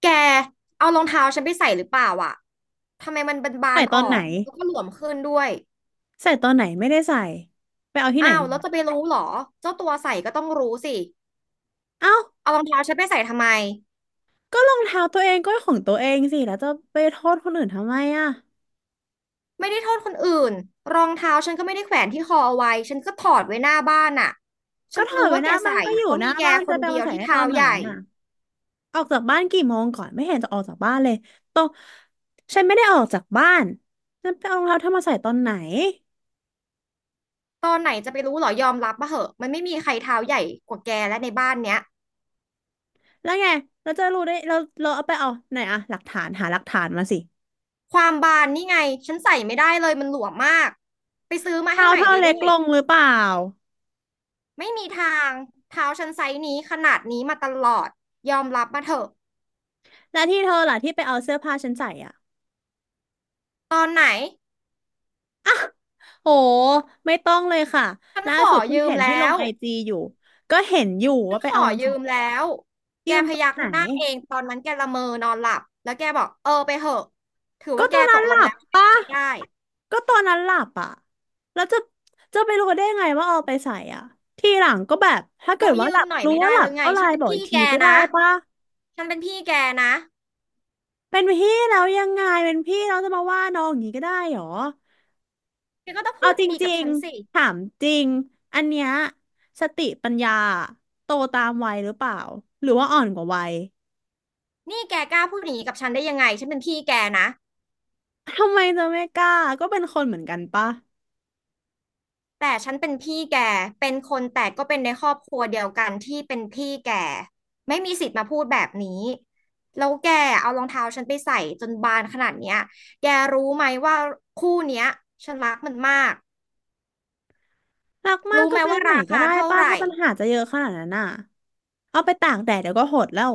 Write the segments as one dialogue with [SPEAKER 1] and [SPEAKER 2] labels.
[SPEAKER 1] แกเอารองเท้าฉันไปใส่หรือเปล่าอ่ะทำไมมันบา
[SPEAKER 2] ใส่
[SPEAKER 1] น
[SPEAKER 2] ต
[SPEAKER 1] ๆอ
[SPEAKER 2] อ
[SPEAKER 1] อ
[SPEAKER 2] นไหน
[SPEAKER 1] กแล้วก็หลวมขึ้นด้วย
[SPEAKER 2] ใส่ตอนไหนไม่ได้ใส่ไปเอาที่ไหน
[SPEAKER 1] อ้าว
[SPEAKER 2] มา
[SPEAKER 1] แล้วจะไปรู้เหรอ เจ้าตัวใส่ก็ต้องรู้สิ
[SPEAKER 2] เอ้า
[SPEAKER 1] เอารองเท้าฉันไปใส่ทำไม
[SPEAKER 2] ก็รองเท้าตัวเองก็ของตัวเองสิแล้วจะไปโทษคนอื่นทำไมอ่ะ
[SPEAKER 1] ไม่ได้โทษคนอื่น รองเท้าฉันก็ไม่ได้แขวนที่คอเอาไว้ฉันก็ถอดไว้หน้าบ้านอ่ะ
[SPEAKER 2] ก็
[SPEAKER 1] ฉัน
[SPEAKER 2] ถอ
[SPEAKER 1] รู้
[SPEAKER 2] ดไว้
[SPEAKER 1] ว่า
[SPEAKER 2] ห
[SPEAKER 1] แก
[SPEAKER 2] น้าบ้าน
[SPEAKER 1] ใส่
[SPEAKER 2] ก็อยู่
[SPEAKER 1] เพราะ
[SPEAKER 2] หน้า
[SPEAKER 1] มีแก
[SPEAKER 2] บ้าน
[SPEAKER 1] ค
[SPEAKER 2] จะ
[SPEAKER 1] น
[SPEAKER 2] ไปเอา
[SPEAKER 1] เดีย
[SPEAKER 2] มา
[SPEAKER 1] ว
[SPEAKER 2] ใส่
[SPEAKER 1] ที่
[SPEAKER 2] ได้ตอ
[SPEAKER 1] เท้า
[SPEAKER 2] นไหน
[SPEAKER 1] ใหญ่
[SPEAKER 2] อ่ะออกจากบ้านกี่โมงก่อนไม่เห็นจะออกจากบ้านเลยตองฉันไม่ได้ออกจากบ้านฉันไปเอารองเท้าเธอมาใส่ตอนไหน
[SPEAKER 1] ตอนไหนจะไปรู้เหรอยอมรับมาเหอะมันไม่มีใครเท้าใหญ่กว่าแกและในบ้านเนี้ย
[SPEAKER 2] แล้วไงเราจะรู้ได้เราเอาไปเอาไหนอะหลักฐานหาหลักฐานมาสิ
[SPEAKER 1] ความบานนี่ไงฉันใส่ไม่ได้เลยมันหลวมมากไปซื้อมาให้
[SPEAKER 2] เท้า
[SPEAKER 1] ให
[SPEAKER 2] เธ
[SPEAKER 1] ม่
[SPEAKER 2] อ
[SPEAKER 1] เลย
[SPEAKER 2] เล็ก
[SPEAKER 1] ด้วย
[SPEAKER 2] ลงหรือเปล่า
[SPEAKER 1] ไม่มีทางเท้าฉันไซส์นี้ขนาดนี้มาตลอดยอมรับมาเถอะ
[SPEAKER 2] แล้วที่เธอล่ะที่ไปเอาเสื้อผ้าฉันใส่อะ
[SPEAKER 1] ตอนไหน
[SPEAKER 2] โหไม่ต้องเลยค่ะ
[SPEAKER 1] ฉัน
[SPEAKER 2] ล่า
[SPEAKER 1] ขอ
[SPEAKER 2] สุดเพิ่ง
[SPEAKER 1] ยืม
[SPEAKER 2] เห็นที่
[SPEAKER 1] แล้
[SPEAKER 2] ลง
[SPEAKER 1] ว
[SPEAKER 2] ไอจีอยู่ก็เห็นอยู่
[SPEAKER 1] ฉั
[SPEAKER 2] ว่า
[SPEAKER 1] น
[SPEAKER 2] ไป
[SPEAKER 1] ขอ
[SPEAKER 2] เอามา
[SPEAKER 1] ยื
[SPEAKER 2] จาก
[SPEAKER 1] มแล้วแก
[SPEAKER 2] ยืม
[SPEAKER 1] พ
[SPEAKER 2] ตอ
[SPEAKER 1] ยั
[SPEAKER 2] น
[SPEAKER 1] ก
[SPEAKER 2] ไหน
[SPEAKER 1] หน้าเองตอนนั้นแกละเมอนอนหลับแล้วแกบอกเออไปเถอะถือ
[SPEAKER 2] ก็
[SPEAKER 1] ว่าแก
[SPEAKER 2] ตอน
[SPEAKER 1] ต
[SPEAKER 2] นั้น
[SPEAKER 1] กล
[SPEAKER 2] ห
[SPEAKER 1] ง
[SPEAKER 2] ลั
[SPEAKER 1] แล้
[SPEAKER 2] บ
[SPEAKER 1] วไม่ได้
[SPEAKER 2] ก็ตอนนั้นหลับอ่ะแล้วจะจะไปรู้ได้ไงว่าเอาไปใส่อ่ะทีหลังก็แบบถ้าเกิ
[SPEAKER 1] เรา
[SPEAKER 2] ดว่า
[SPEAKER 1] ยื
[SPEAKER 2] หลั
[SPEAKER 1] ม
[SPEAKER 2] บ
[SPEAKER 1] หน่อย
[SPEAKER 2] รู้
[SPEAKER 1] ไม่
[SPEAKER 2] ว่า
[SPEAKER 1] ได้
[SPEAKER 2] หลั
[SPEAKER 1] ห
[SPEAKER 2] บ
[SPEAKER 1] รือไง
[SPEAKER 2] ก็ไล
[SPEAKER 1] ฉัน
[SPEAKER 2] น์
[SPEAKER 1] เป็
[SPEAKER 2] บ
[SPEAKER 1] น
[SPEAKER 2] อกอี
[SPEAKER 1] พี่
[SPEAKER 2] ก
[SPEAKER 1] แก
[SPEAKER 2] ทีก็ได้
[SPEAKER 1] นะ
[SPEAKER 2] ปะ
[SPEAKER 1] ฉันเป็นพี่แกนะ
[SPEAKER 2] เป็นพี่แล้วยังไงเป็นพี่เราจะมาว่าน้องอย่างนี้ก็ได้เหรอ
[SPEAKER 1] แกก็ต้อง
[SPEAKER 2] เอา
[SPEAKER 1] พูด
[SPEAKER 2] จ
[SPEAKER 1] ดีๆกั
[SPEAKER 2] ริ
[SPEAKER 1] บ
[SPEAKER 2] ง
[SPEAKER 1] ฉันสิ
[SPEAKER 2] ๆถามจริงอันเนี้ยสติปัญญาโตตามวัยหรือเปล่าหรือว่าอ่อนกว่าวัย
[SPEAKER 1] นี่แกกล้าพูดอย่างนี้กับฉันได้ยังไงฉันเป็นพี่แกนะ
[SPEAKER 2] ทำไมจะไม่กล้าก็เป็นคนเหมือนกันปะ
[SPEAKER 1] แต่ฉันเป็นพี่แกเป็นคนแต่ก็เป็นในครอบครัวเดียวกันที่เป็นพี่แกไม่มีสิทธิ์มาพูดแบบนี้แล้วแกเอารองเท้าฉันไปใส่จนบานขนาดเนี้ยแกรู้ไหมว่าคู่เนี้ยฉันรักมันมาก
[SPEAKER 2] รักมาก
[SPEAKER 1] รู้
[SPEAKER 2] ก็
[SPEAKER 1] ไหม
[SPEAKER 2] ซื้อ
[SPEAKER 1] ว่า
[SPEAKER 2] ใหม่
[SPEAKER 1] รา
[SPEAKER 2] ก็
[SPEAKER 1] คา
[SPEAKER 2] ได้
[SPEAKER 1] เท่า
[SPEAKER 2] ปะ
[SPEAKER 1] ไหร่
[SPEAKER 2] ถ้าปัญหาจะเยอะขนาดนั้นน่ะเอาไปตากแดดเดี๋ยวก็หดแล้ว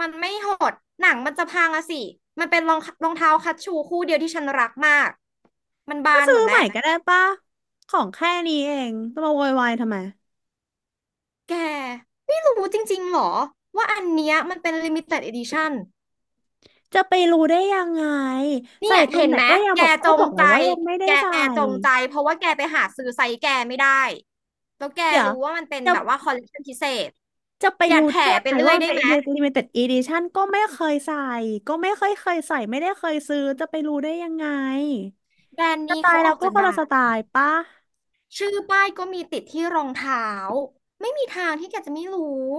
[SPEAKER 1] มันไม่หดหนังมันจะพังอะสิมันเป็นรองเท้าคัชชูคู่เดียวที่ฉันรักมากมัน
[SPEAKER 2] ก็
[SPEAKER 1] บาน
[SPEAKER 2] ซื้
[SPEAKER 1] ห
[SPEAKER 2] อ
[SPEAKER 1] มด
[SPEAKER 2] ใหม่
[SPEAKER 1] แล้ว
[SPEAKER 2] ก็ได้ปะของแค่นี้เองจะมาโวยวายทำไม
[SPEAKER 1] แกไม่รู้จริงๆหรอว่าอันเนี้ยมันเป็นลิมิเต็ด edition
[SPEAKER 2] จะไปรู้ได้ยังไง
[SPEAKER 1] เนี่
[SPEAKER 2] ใส่
[SPEAKER 1] ย
[SPEAKER 2] ตร
[SPEAKER 1] เห็
[SPEAKER 2] ง
[SPEAKER 1] น
[SPEAKER 2] ไหน
[SPEAKER 1] ไหม
[SPEAKER 2] ก็ยัง
[SPEAKER 1] แก
[SPEAKER 2] บอก
[SPEAKER 1] จ
[SPEAKER 2] ก็บ
[SPEAKER 1] ง
[SPEAKER 2] อกแล้
[SPEAKER 1] ใจ
[SPEAKER 2] วว่ายังไม่ได้
[SPEAKER 1] แก
[SPEAKER 2] ใส่
[SPEAKER 1] จงใจเพราะว่าแกไปหาซื้อไซส์แกไม่ได้แล้วแก
[SPEAKER 2] เดี๋ยว
[SPEAKER 1] รู้ว่ามันเป็น
[SPEAKER 2] จะ
[SPEAKER 1] แบบว่าคอลเลคชันพิเศษ
[SPEAKER 2] จะไป
[SPEAKER 1] อย่า
[SPEAKER 2] รู้
[SPEAKER 1] แถ
[SPEAKER 2] ได้ยัง
[SPEAKER 1] ไป
[SPEAKER 2] ไง
[SPEAKER 1] เรื่อ
[SPEAKER 2] ว่า
[SPEAKER 1] ย
[SPEAKER 2] มัน
[SPEAKER 1] ได้
[SPEAKER 2] เป็น
[SPEAKER 1] ไหม
[SPEAKER 2] limited edition ก็ไม่เคยใส่ก็ไม่เคยใส่ไม่ได้เคยซื้อจะไปรู้ได้ยังไง
[SPEAKER 1] แบรนด์
[SPEAKER 2] ส
[SPEAKER 1] นี้
[SPEAKER 2] ไต
[SPEAKER 1] เขา
[SPEAKER 2] ล์
[SPEAKER 1] อ
[SPEAKER 2] เรา
[SPEAKER 1] อกจ
[SPEAKER 2] ก็
[SPEAKER 1] น
[SPEAKER 2] คนละ
[SPEAKER 1] ดัง
[SPEAKER 2] สไตล์ปะ
[SPEAKER 1] ชื่อป้ายก็มีติดที่รองเท้าไม่มีทางที่แกจะไม่รู้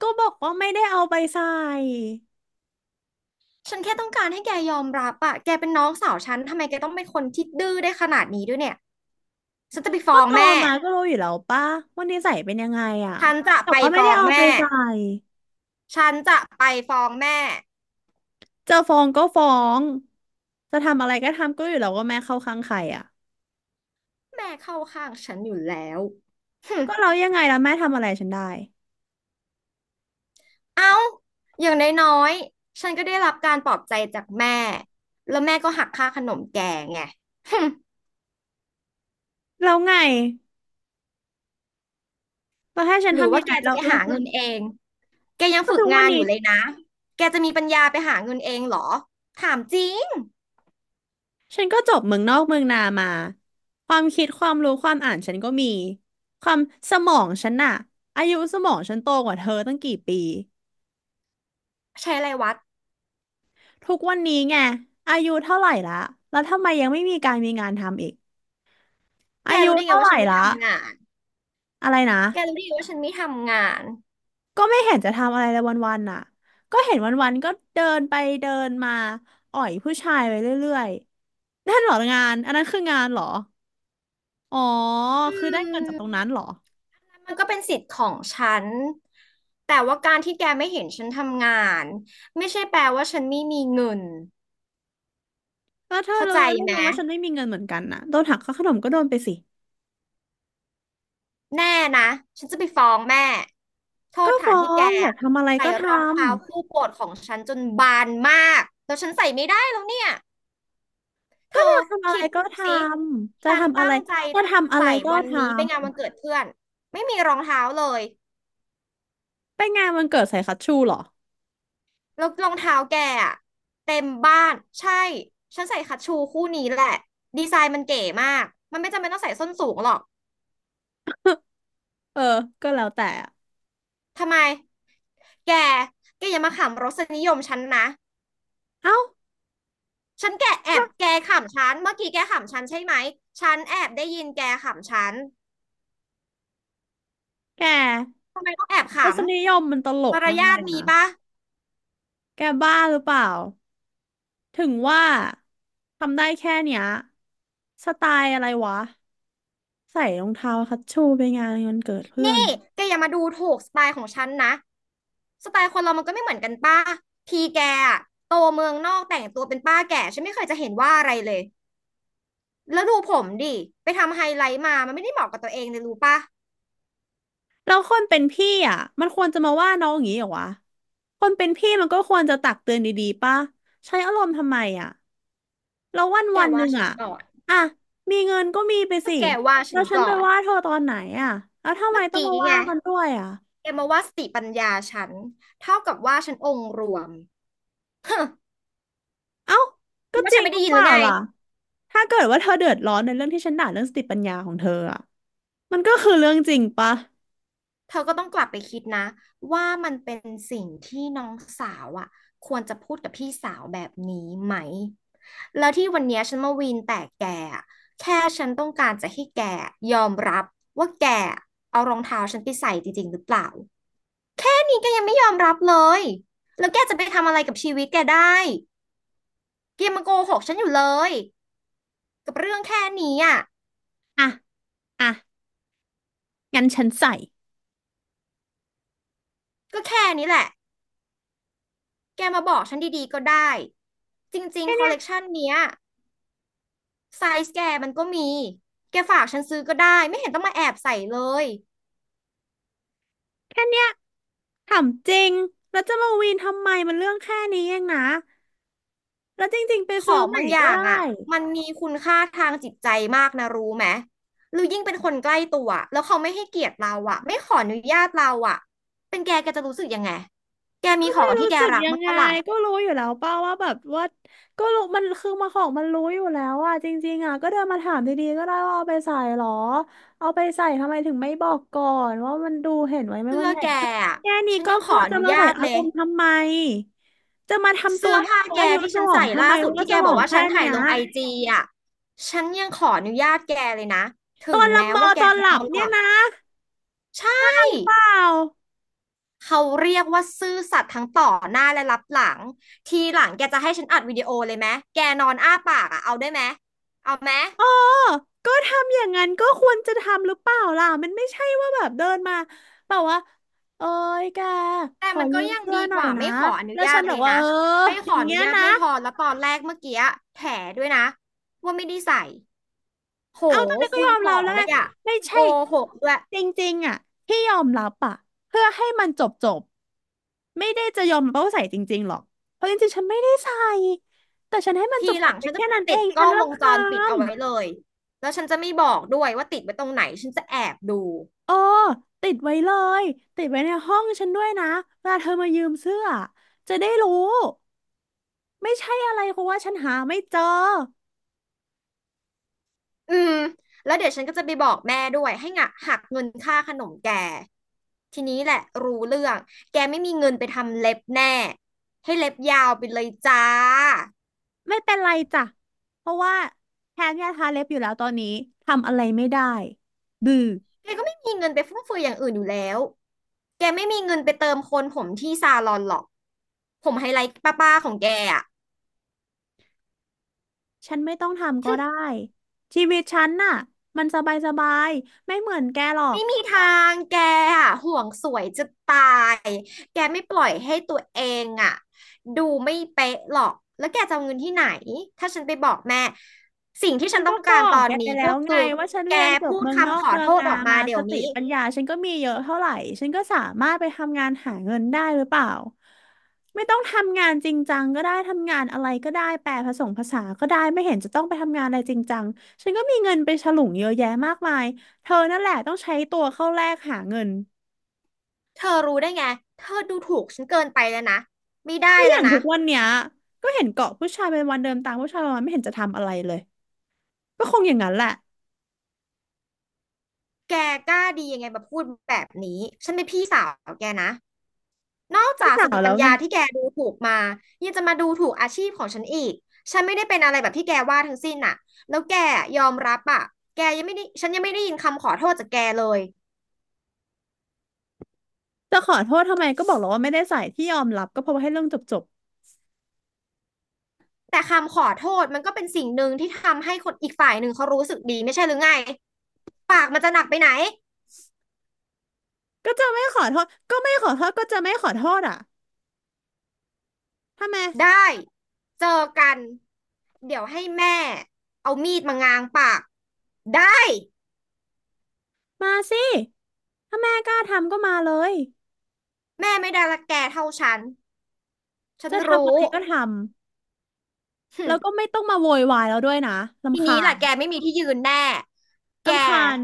[SPEAKER 2] ก็บอกว่าไม่ได้เอาไปใส่
[SPEAKER 1] ฉันแค่ต้องการให้แกยอมรับอะแกเป็นน้องสาวฉันทำไมแกต้องเป็นคนที่ดื้อได้ขนาดนี้ด้วยเนี่ยฉันจะไปฟ้
[SPEAKER 2] ก็
[SPEAKER 1] อง
[SPEAKER 2] โตอ
[SPEAKER 1] แม่
[SPEAKER 2] มาก็รู้อยู่แล้วป่ะว่านิสัยเป็นยังไงอ่ะ
[SPEAKER 1] ฉันจะ
[SPEAKER 2] แต่
[SPEAKER 1] ไป
[SPEAKER 2] ว่าไม่
[SPEAKER 1] ฟ้
[SPEAKER 2] ได้
[SPEAKER 1] อง
[SPEAKER 2] เอาไป
[SPEAKER 1] แม่
[SPEAKER 2] ใส่
[SPEAKER 1] ฉันจะไปฟ้องแม่
[SPEAKER 2] จะฟ้องก็ฟ้อง จะทำอะไรก็ทำก็อยู่แล้วว่าแม่เข้าข้างใครอ่ะ
[SPEAKER 1] แม่เข้าข้างฉันอยู่แล้ว หึ
[SPEAKER 2] ก็เรายังไงแล้วแม่ทำอะไรฉันได้
[SPEAKER 1] เอ้าอย่างน้อยๆฉันก็ได้รับการปลอบใจจากแม่แล้วแม่ก็หักค่าขนมแกไง หึ
[SPEAKER 2] แล้วไงแล้วให้ฉัน
[SPEAKER 1] หรือ
[SPEAKER 2] ทำ
[SPEAKER 1] ว่า
[SPEAKER 2] ยัง
[SPEAKER 1] แก
[SPEAKER 2] ไง
[SPEAKER 1] จะ
[SPEAKER 2] เรา
[SPEAKER 1] ไป
[SPEAKER 2] เรา
[SPEAKER 1] หา
[SPEAKER 2] เรา
[SPEAKER 1] เงินเอง แกยัง
[SPEAKER 2] ก็
[SPEAKER 1] ฝึก
[SPEAKER 2] ทุกวั
[SPEAKER 1] งา
[SPEAKER 2] น
[SPEAKER 1] นอ
[SPEAKER 2] นี้
[SPEAKER 1] ยู่เลยนะ แกจะมีปัญญาไปหาเงินเองเหรอ ถามจริง
[SPEAKER 2] ฉันก็จบเมืองนอกเมืองนามา ความคิดความรู้ความอ่านฉันก็มี ความสมองฉันน่ะอายุสมองฉันโตกว่าเธอตั้งกี่ปี
[SPEAKER 1] ใช้อะไรวัด
[SPEAKER 2] ทุกวันนี้ไงอายุเท่าไหร่ละแล้วทำไมยังไม่มีการมีงานทำอีก
[SPEAKER 1] แก
[SPEAKER 2] อายุ
[SPEAKER 1] รู้ได้ไง
[SPEAKER 2] เท่าไห
[SPEAKER 1] ว่า
[SPEAKER 2] ร่
[SPEAKER 1] ฉันไม่
[SPEAKER 2] ละ
[SPEAKER 1] ทำงาน
[SPEAKER 2] อะไรนะ
[SPEAKER 1] แกรู้ได้ไงว่าฉันไม่ทำงาน
[SPEAKER 2] ก็ไม่เห็นจะทำอะไรเลยวันๆน่ะก็เห็นวันๆก็เดินไปเดินมาอ่อยผู้ชายไปเรื่อยๆนั่นเหรองานอันนั้นคืองานเหรออ๋อ
[SPEAKER 1] อื
[SPEAKER 2] คือได้เงินจากตรงนั้
[SPEAKER 1] ม
[SPEAKER 2] นเหรอ
[SPEAKER 1] มันก็เป็นสิทธิ์ของฉัน แต่ว่าการที่แกไม่เห็นฉันทำงานไม่ใช่แปลว่าฉันไม่มีเงิน
[SPEAKER 2] แล้วเธอ
[SPEAKER 1] เข้า
[SPEAKER 2] รู้
[SPEAKER 1] ใจ
[SPEAKER 2] ได้
[SPEAKER 1] ไหม
[SPEAKER 2] ไงว่าฉันไม่มีเงินเหมือนกันน่ะโดนหักค่าขนมก็โดนไปสิ
[SPEAKER 1] แน่นะ ฉันจะไปฟ้องแม่ โท
[SPEAKER 2] ก็
[SPEAKER 1] ษฐา
[SPEAKER 2] ฟ้
[SPEAKER 1] น
[SPEAKER 2] อ
[SPEAKER 1] ที่แก
[SPEAKER 2] งอยาก
[SPEAKER 1] อะ
[SPEAKER 2] ทำอะไร
[SPEAKER 1] ใส่
[SPEAKER 2] ก็
[SPEAKER 1] รอง
[SPEAKER 2] ทำ
[SPEAKER 1] เท้าคู่โปรดของฉันจนบานมากแล้วฉันใส่ไม่ได้แล้วเนี่ย เธ
[SPEAKER 2] อ
[SPEAKER 1] อ
[SPEAKER 2] ยากทำอะไร
[SPEAKER 1] คิด
[SPEAKER 2] ก็
[SPEAKER 1] ดู
[SPEAKER 2] ท
[SPEAKER 1] สิ
[SPEAKER 2] ำจะ
[SPEAKER 1] ฉัน
[SPEAKER 2] ทำอะไร
[SPEAKER 1] ตั้งใจ
[SPEAKER 2] จะ
[SPEAKER 1] จะ
[SPEAKER 2] ทำอะไร
[SPEAKER 1] ใส่
[SPEAKER 2] ก็
[SPEAKER 1] วัน
[SPEAKER 2] ท
[SPEAKER 1] นี้ไปงาน
[SPEAKER 2] ำ
[SPEAKER 1] วันเกิดเพื่อน ไม่มีรองเท้าเลย
[SPEAKER 2] ไปงานวันเกิดใส่คัชชูเหรอ
[SPEAKER 1] แล้วรองเท้าแกอะเต็มบ้านใช่ฉันใส่คัชชูคู่นี้แหละดีไซน์มันเก๋มากมันไม่จำเป็นต้องใส่ส้นสูงหรอก
[SPEAKER 2] เออ ก็แล้วแต่อะ
[SPEAKER 1] ทำไมแกแกอย่ามาขำรสนิยมฉันนะ
[SPEAKER 2] เอ้า
[SPEAKER 1] ฉันแกแอบ
[SPEAKER 2] ว่า
[SPEAKER 1] แกขำฉันเมื่อกี้แกขำฉันใช่ไหมฉันแอบได้ยินแกขำฉัน
[SPEAKER 2] แก
[SPEAKER 1] ทำไมต้องแอบข
[SPEAKER 2] รสนิยมมันตล
[SPEAKER 1] ำ
[SPEAKER 2] ก
[SPEAKER 1] มาร
[SPEAKER 2] มาก
[SPEAKER 1] ยา
[SPEAKER 2] เล
[SPEAKER 1] ท
[SPEAKER 2] ย
[SPEAKER 1] มี
[SPEAKER 2] นะ
[SPEAKER 1] ปะ
[SPEAKER 2] แกบ้าหรือเปล่า ถึงว่าทำได้แค่เนี้ย สไตล์อะไรวะ ใส่รองเท้าคัชชูไปงานวันเกิดเพื่อ
[SPEAKER 1] นี่
[SPEAKER 2] น
[SPEAKER 1] แกอย่ามาดูถูกสไตล์ของฉันนะสไตล์คนเรามันก็ไม่เหมือนกันป้าทีแกอะโตเมืองนอกแต่งตัวเป็นป้าแก่ฉันไม่เคยจะเห็นว่าอะไรเลย แล้วดูผมดิ ไปทำไฮไลท์มา มันไม่ได้เหมาะกับตัวเองเลยรู้ปะ
[SPEAKER 2] แล้วคนเป็นพี่อ่ะ มันควรจะมาว่าน้องอย่างนี้เหรอวะคนเป็นพี่มันก็ควรจะตักเตือนดีๆป่ะใช้อารมณ์ทำไมอ่ะ แล้ววัน
[SPEAKER 1] แก
[SPEAKER 2] วันห
[SPEAKER 1] ว่า
[SPEAKER 2] นึ่ง
[SPEAKER 1] ฉัน
[SPEAKER 2] อ่ะ
[SPEAKER 1] ก่อน
[SPEAKER 2] อ่ะมีเงินก็มีไป
[SPEAKER 1] ก็
[SPEAKER 2] สิ
[SPEAKER 1] แกว่าฉั
[SPEAKER 2] แล้ว
[SPEAKER 1] น
[SPEAKER 2] ฉัน
[SPEAKER 1] ก่
[SPEAKER 2] ไป
[SPEAKER 1] อน
[SPEAKER 2] ว่าเธอตอนไหนอ่ะแล้วทำไม
[SPEAKER 1] เมื่อ
[SPEAKER 2] ต้อง
[SPEAKER 1] กี้
[SPEAKER 2] มา
[SPEAKER 1] ไง
[SPEAKER 2] ว่ากันด้วยอ่ะ
[SPEAKER 1] แกมาว่าสติปัญญาฉันเท่ากับว่าฉันองค์รวมฮึ
[SPEAKER 2] เอ้า
[SPEAKER 1] คิ
[SPEAKER 2] ก็
[SPEAKER 1] ดว่า
[SPEAKER 2] จริ
[SPEAKER 1] ฉัน
[SPEAKER 2] ง
[SPEAKER 1] ไม่
[SPEAKER 2] หรื
[SPEAKER 1] ได้
[SPEAKER 2] อ
[SPEAKER 1] ยิน
[SPEAKER 2] เป
[SPEAKER 1] หรื
[SPEAKER 2] ล่า
[SPEAKER 1] อไง
[SPEAKER 2] ล่ะ ถ้าเกิดว่าเธอเดือดร้อนในเรื่องที่ฉันด่าเรื่องสติปัญญาของเธออ่ะมันก็คือเรื่องจริงปะ
[SPEAKER 1] เธอก็ต้องกลับไปคิดนะว่ามันเป็นสิ่งที่น้องสาวอ่ะควรจะพูดกับพี่สาวแบบนี้ไหมแล้วที่วันเนี้ยฉันมาวีนแต่แกอะแค่ฉันต้องการจะให้แกยอมรับว่าแกเอารองเท้าฉันไปใส่จริงๆหรือเปล่า นี่แกยังไม่ยอมรับเลยแล้วแกจะไปทำอะไรกับชีวิตแกได้แกยังมาโกหกฉันอยู่เลยกับเรื่องแค่นี้อ่ะ
[SPEAKER 2] อ่ะอ่ะงั้นฉันใส่
[SPEAKER 1] ก็แค่นี้แหละแกมาบอกฉันดีๆก็ได้จริง
[SPEAKER 2] แค่
[SPEAKER 1] ๆคอ
[SPEAKER 2] เนี้
[SPEAKER 1] ล
[SPEAKER 2] ย
[SPEAKER 1] เลกชันเนี้ยไซส์แกมันก็มีแกฝากฉันซื้อก็ได้ไม่เห็นต้องมาแอบใส่เลย
[SPEAKER 2] แค่เนี้ยถามจริงแล้วจะมาวีนทำไมมันเรื่องแค่นี้เองนะแล้วจริงๆไป
[SPEAKER 1] ข
[SPEAKER 2] ซื้
[SPEAKER 1] อ
[SPEAKER 2] อ
[SPEAKER 1] ง
[SPEAKER 2] ใหม่
[SPEAKER 1] บางอ
[SPEAKER 2] ก็
[SPEAKER 1] ย่าง
[SPEAKER 2] ได้
[SPEAKER 1] อ่ะมันมีคุณค่าทางจิตใจมากนะรู้ไหมหรือยิ่งเป็นคนใกล้ตัวแล้วเขาไม่ให้เกียรติเราอ่ะไม่ขออนุญาตเราอ่ะเป็นแกแกจะรู้สึกยังไง แกมี
[SPEAKER 2] ก็
[SPEAKER 1] ขอ
[SPEAKER 2] ไม่
[SPEAKER 1] งที่
[SPEAKER 2] รู้
[SPEAKER 1] แก
[SPEAKER 2] สึก
[SPEAKER 1] รัก
[SPEAKER 2] ยัง
[SPEAKER 1] มั้าง
[SPEAKER 2] ไง
[SPEAKER 1] ปะล่ะ
[SPEAKER 2] ก็รู้อยู่แล้วเป้าว่าแบบว่าก็รู้มันคือมาของมันรู้อยู่แล้วอ่ะจริงๆอ่ะก็เดินมาถามดีๆก็ได้ว่าเอาไปใส่หรอเอาไปใส่ทำไมถึงไม่บอกก่อนว่ามันดูเห็นไว้ไหม
[SPEAKER 1] เสื้
[SPEAKER 2] มั
[SPEAKER 1] อ
[SPEAKER 2] นใหญ่
[SPEAKER 1] แก
[SPEAKER 2] ขึ้น
[SPEAKER 1] อะ
[SPEAKER 2] แค่นี้
[SPEAKER 1] ฉัน
[SPEAKER 2] ก็
[SPEAKER 1] ยัง
[SPEAKER 2] พ
[SPEAKER 1] ข
[SPEAKER 2] อ
[SPEAKER 1] ออ
[SPEAKER 2] จะ
[SPEAKER 1] นุ
[SPEAKER 2] มาใส่
[SPEAKER 1] ญาต
[SPEAKER 2] อา
[SPEAKER 1] เล
[SPEAKER 2] ร
[SPEAKER 1] ย
[SPEAKER 2] มณ์ทำไมจะมาทำตั
[SPEAKER 1] เสื้
[SPEAKER 2] ว
[SPEAKER 1] อ
[SPEAKER 2] ให้
[SPEAKER 1] ผ้า
[SPEAKER 2] เขา
[SPEAKER 1] แก
[SPEAKER 2] อายุ
[SPEAKER 1] ที่
[SPEAKER 2] ส
[SPEAKER 1] ฉัน
[SPEAKER 2] มอง
[SPEAKER 1] ใส่
[SPEAKER 2] ทำ
[SPEAKER 1] ล่า
[SPEAKER 2] ไม
[SPEAKER 1] สุด
[SPEAKER 2] ว่า
[SPEAKER 1] ที่
[SPEAKER 2] ส
[SPEAKER 1] แก
[SPEAKER 2] ม
[SPEAKER 1] บ
[SPEAKER 2] อ
[SPEAKER 1] อก
[SPEAKER 2] ง
[SPEAKER 1] ว่า
[SPEAKER 2] แค่
[SPEAKER 1] ฉันถ่า
[SPEAKER 2] เนี้
[SPEAKER 1] ย
[SPEAKER 2] ย
[SPEAKER 1] ลงไอจีอ่ะฉันยังขออนุญาตแกเลยนะถึ
[SPEAKER 2] ตอ
[SPEAKER 1] ง
[SPEAKER 2] นละ
[SPEAKER 1] แม้
[SPEAKER 2] เมอ
[SPEAKER 1] ว่าแก
[SPEAKER 2] ตอน
[SPEAKER 1] จะ
[SPEAKER 2] ห
[SPEAKER 1] น
[SPEAKER 2] ลั
[SPEAKER 1] อ
[SPEAKER 2] บ
[SPEAKER 1] นห
[SPEAKER 2] เนี่
[SPEAKER 1] ลั
[SPEAKER 2] ย
[SPEAKER 1] บ
[SPEAKER 2] นะ
[SPEAKER 1] ใช่
[SPEAKER 2] เปล่า
[SPEAKER 1] เขาเรียกว่าซื่อสัตย์ทั้งต่อหน้าและรับหลังทีหลังแกจะให้ฉันอัดวิดีโอเลยไหมแกนอนอ้าปากอ่ะเอาได้ไหมเอาไหม
[SPEAKER 2] อ๋อก็ทำอย่างนั้นก็ควรจะทำหรือเปล่าล่ะมันไม่ใช่ว่าแบบเดินมาแบบว่าเอ้ยแกข
[SPEAKER 1] แต่
[SPEAKER 2] อ
[SPEAKER 1] มันก็
[SPEAKER 2] ยืม
[SPEAKER 1] ยัง
[SPEAKER 2] เสื้อ
[SPEAKER 1] ดี
[SPEAKER 2] ห
[SPEAKER 1] ก
[SPEAKER 2] น่อย
[SPEAKER 1] ว่า
[SPEAKER 2] นะ
[SPEAKER 1] ไม่ขออนุ
[SPEAKER 2] แล้ว
[SPEAKER 1] ญา
[SPEAKER 2] ฉัน
[SPEAKER 1] ต
[SPEAKER 2] บ
[SPEAKER 1] เล
[SPEAKER 2] อก
[SPEAKER 1] ย
[SPEAKER 2] ว่าเอ
[SPEAKER 1] นะ
[SPEAKER 2] อ
[SPEAKER 1] ไม่
[SPEAKER 2] อ
[SPEAKER 1] ขอ
[SPEAKER 2] ย่าง
[SPEAKER 1] อ
[SPEAKER 2] เงี้
[SPEAKER 1] นุ
[SPEAKER 2] ย
[SPEAKER 1] ญาต
[SPEAKER 2] นะ
[SPEAKER 1] ไม่พอแล้วตอนแรกเมื่อกี้แถด้วยนะว่าไม่ได้ใส่ โห
[SPEAKER 2] เอาตอนนี้นก็
[SPEAKER 1] คู
[SPEAKER 2] ย
[SPEAKER 1] ณ
[SPEAKER 2] อม
[SPEAKER 1] ส
[SPEAKER 2] รั
[SPEAKER 1] อ
[SPEAKER 2] บ
[SPEAKER 1] ง
[SPEAKER 2] แล้ว
[SPEAKER 1] เล
[SPEAKER 2] ไง
[SPEAKER 1] ยอะ
[SPEAKER 2] ไม่
[SPEAKER 1] โก
[SPEAKER 2] ใช่
[SPEAKER 1] หกด้วย
[SPEAKER 2] จริงๆอ่ะที่ยอมรับอ่ะเพื่อให้มันจบจบไม่ได้จะยอมรับว่าใส่จริงๆหรอกเพราะจริงๆฉันไม่ได้ใส่แต่ฉันให้มันจ
[SPEAKER 1] ที
[SPEAKER 2] บ
[SPEAKER 1] ห
[SPEAKER 2] จ
[SPEAKER 1] ลั
[SPEAKER 2] บ
[SPEAKER 1] ง
[SPEAKER 2] ไป
[SPEAKER 1] ฉันจะ
[SPEAKER 2] แค่นั้นเอ
[SPEAKER 1] ติด
[SPEAKER 2] ง
[SPEAKER 1] ก
[SPEAKER 2] ฉั
[SPEAKER 1] ล้อ
[SPEAKER 2] น
[SPEAKER 1] งวง
[SPEAKER 2] รำ
[SPEAKER 1] จ
[SPEAKER 2] คา
[SPEAKER 1] รปิด
[SPEAKER 2] ญ
[SPEAKER 1] เอาไว้เลยแล้วฉันจะไม่บอกด้วยว่าติดไว้ตรงไหนฉันจะแอบดู
[SPEAKER 2] เออติดไว้เลยติดไว้ในห้องฉันด้วยนะเวลาเธอมายืมเสื้อจะได้รู้ไม่ใช่อะไรเพราะว่าฉันหาไม่เจอ
[SPEAKER 1] อืมแล้วเดี๋ยวฉันก็จะไปบอกแม่ด้วยให้งะหักเงินค่าขนมแกทีนี้แหละรู้เรื่องแกไม่มีเงินไปทำเล็บแน่ให้เล็บยาวไปเลยจ้า
[SPEAKER 2] ไม่เป็นไรจ้ะเพราะว่าแทนยาทาเล็บอยู่แล้วตอนนี้ทำอะไรไม่ได้ดื้อ
[SPEAKER 1] แกก็ไม่มีเงินไปฟุ่มเฟือยอย่างอื่นอยู่แล้วแกไม่มีเงินไปเติมโคนผมที่ซาลอนหรอกผมไฮไลท์ป้าๆของแกอะ
[SPEAKER 2] ฉันไม่ต้องทำก็ได้ชีวิตฉันน่ะมันสบายสบายไม่เหมือนแกหรอก
[SPEAKER 1] ไม่มีทางแกอะห่วงสวยจะตายแกไม่ปล่อยให้ตัวเองอะดูไม่เป๊ะหรอกแล้วแกจะเอาเงินที่ไหนถ้าฉันไปบอกแม่สิ่งที่
[SPEAKER 2] ฉั
[SPEAKER 1] ฉั
[SPEAKER 2] น
[SPEAKER 1] นต้
[SPEAKER 2] ก็
[SPEAKER 1] อง
[SPEAKER 2] บ
[SPEAKER 1] กา
[SPEAKER 2] อ
[SPEAKER 1] รต
[SPEAKER 2] ก
[SPEAKER 1] อ
[SPEAKER 2] แก
[SPEAKER 1] น
[SPEAKER 2] ไป
[SPEAKER 1] นี้
[SPEAKER 2] แล้
[SPEAKER 1] ก็
[SPEAKER 2] วไง
[SPEAKER 1] คือ
[SPEAKER 2] ว่าฉัน
[SPEAKER 1] แก
[SPEAKER 2] เรียนจบ
[SPEAKER 1] พูด
[SPEAKER 2] เมืองนอ
[SPEAKER 1] คำข
[SPEAKER 2] ก
[SPEAKER 1] อ
[SPEAKER 2] เมือ
[SPEAKER 1] โท
[SPEAKER 2] ง
[SPEAKER 1] ษ
[SPEAKER 2] นา
[SPEAKER 1] ออกมา
[SPEAKER 2] มา
[SPEAKER 1] เดี๋
[SPEAKER 2] ส
[SPEAKER 1] ยว
[SPEAKER 2] ติ
[SPEAKER 1] นี้
[SPEAKER 2] ปัญญาฉันก็มีเยอะเท่าไหร่ฉันก็สามารถไปทำงานหาเงินได้หรือเปล่าไม่ต้องทำงานจริงจังก็ได้ทำงานอะไรก็ได้แปลผสมภาษาก็ได้ไม่เห็นจะต้องไปทำงานอะไรจริงจังฉันก็มีเงินไปฉลุงเยอะแยะมากมายเธอนั่นแหละต้องใช้ตัวเข้าแลกหาเงิน
[SPEAKER 1] เธอรู้ได้ไงเธอดูถูกฉันเกินไปแล้วนะไม่ได้
[SPEAKER 2] ก็อ
[SPEAKER 1] แล้
[SPEAKER 2] ย่า
[SPEAKER 1] ว
[SPEAKER 2] ง
[SPEAKER 1] นะ
[SPEAKER 2] ทุกวันเนี้ยก็เห็นเกาะผู้ชายเป็นวันเดินตามผู้ชายวันไม่เห็นจะทำอะไรเลยก็คงอย่างนั้นแหละ
[SPEAKER 1] แกกล้าดียังไงมาพูดแบบนี้ฉันเป็นพี่สาวแกนะ นอก
[SPEAKER 2] พี่
[SPEAKER 1] จาก
[SPEAKER 2] สา
[SPEAKER 1] ส
[SPEAKER 2] ว
[SPEAKER 1] ติ
[SPEAKER 2] แล้
[SPEAKER 1] ปั
[SPEAKER 2] ว
[SPEAKER 1] ญ
[SPEAKER 2] ไง
[SPEAKER 1] ญาที่แกดูถูกมายังจะมาดูถูกอาชีพของฉันอีกฉันไม่ได้เป็นอะไรแบบที่แกว่าทั้งสิ้นน่ะแล้วแกยอมรับอ่ะแกยังไม่ได้ฉันยังไม่ได้ยินคำขอโทษจากแกเลย
[SPEAKER 2] จะขอโทษทำไมก็บอกแล้วว่าไม่ได้ใส่ที่ยอมรับก็เพราะว่าให้เรื่องจบจบ
[SPEAKER 1] แต่คำขอโทษมันก็เป็นสิ่งหนึ่งที่ทำให้คนอีกฝ่ายหนึ่งเขารู้สึกดีไม่ใช่หรือไงปากมันจะหนักไปไหน
[SPEAKER 2] ก็จะไม่ขอโทษก็จะไม่ขอโทษอ่ะทำไม
[SPEAKER 1] ได้เจอกันเดี๋ยวให้แม่เอามีดมางางปากได้
[SPEAKER 2] มาสิถ้าแม่กล้าทำก็มาเลย
[SPEAKER 1] แม่ไม่ได้รักแกเท่าฉันฉัน
[SPEAKER 2] จะทำอะ
[SPEAKER 1] รู้
[SPEAKER 2] ไรก็ทำ
[SPEAKER 1] หึ
[SPEAKER 2] แล้วก็ไม่ต้องมาโวยวายแล้วด้วยนะ
[SPEAKER 1] ที
[SPEAKER 2] รำคา
[SPEAKER 1] นี้ล่ะ
[SPEAKER 2] ญ
[SPEAKER 1] แกไม่มีที่ยืนแน่ แก
[SPEAKER 2] รำคาญ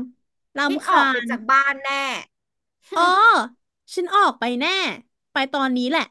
[SPEAKER 1] ได้
[SPEAKER 2] รำ
[SPEAKER 1] อ
[SPEAKER 2] คา
[SPEAKER 1] อกไป
[SPEAKER 2] ญ
[SPEAKER 1] จากบ้านแน่
[SPEAKER 2] อ๋อ ฉันออกไปแน่ไปตอนนี้แหละ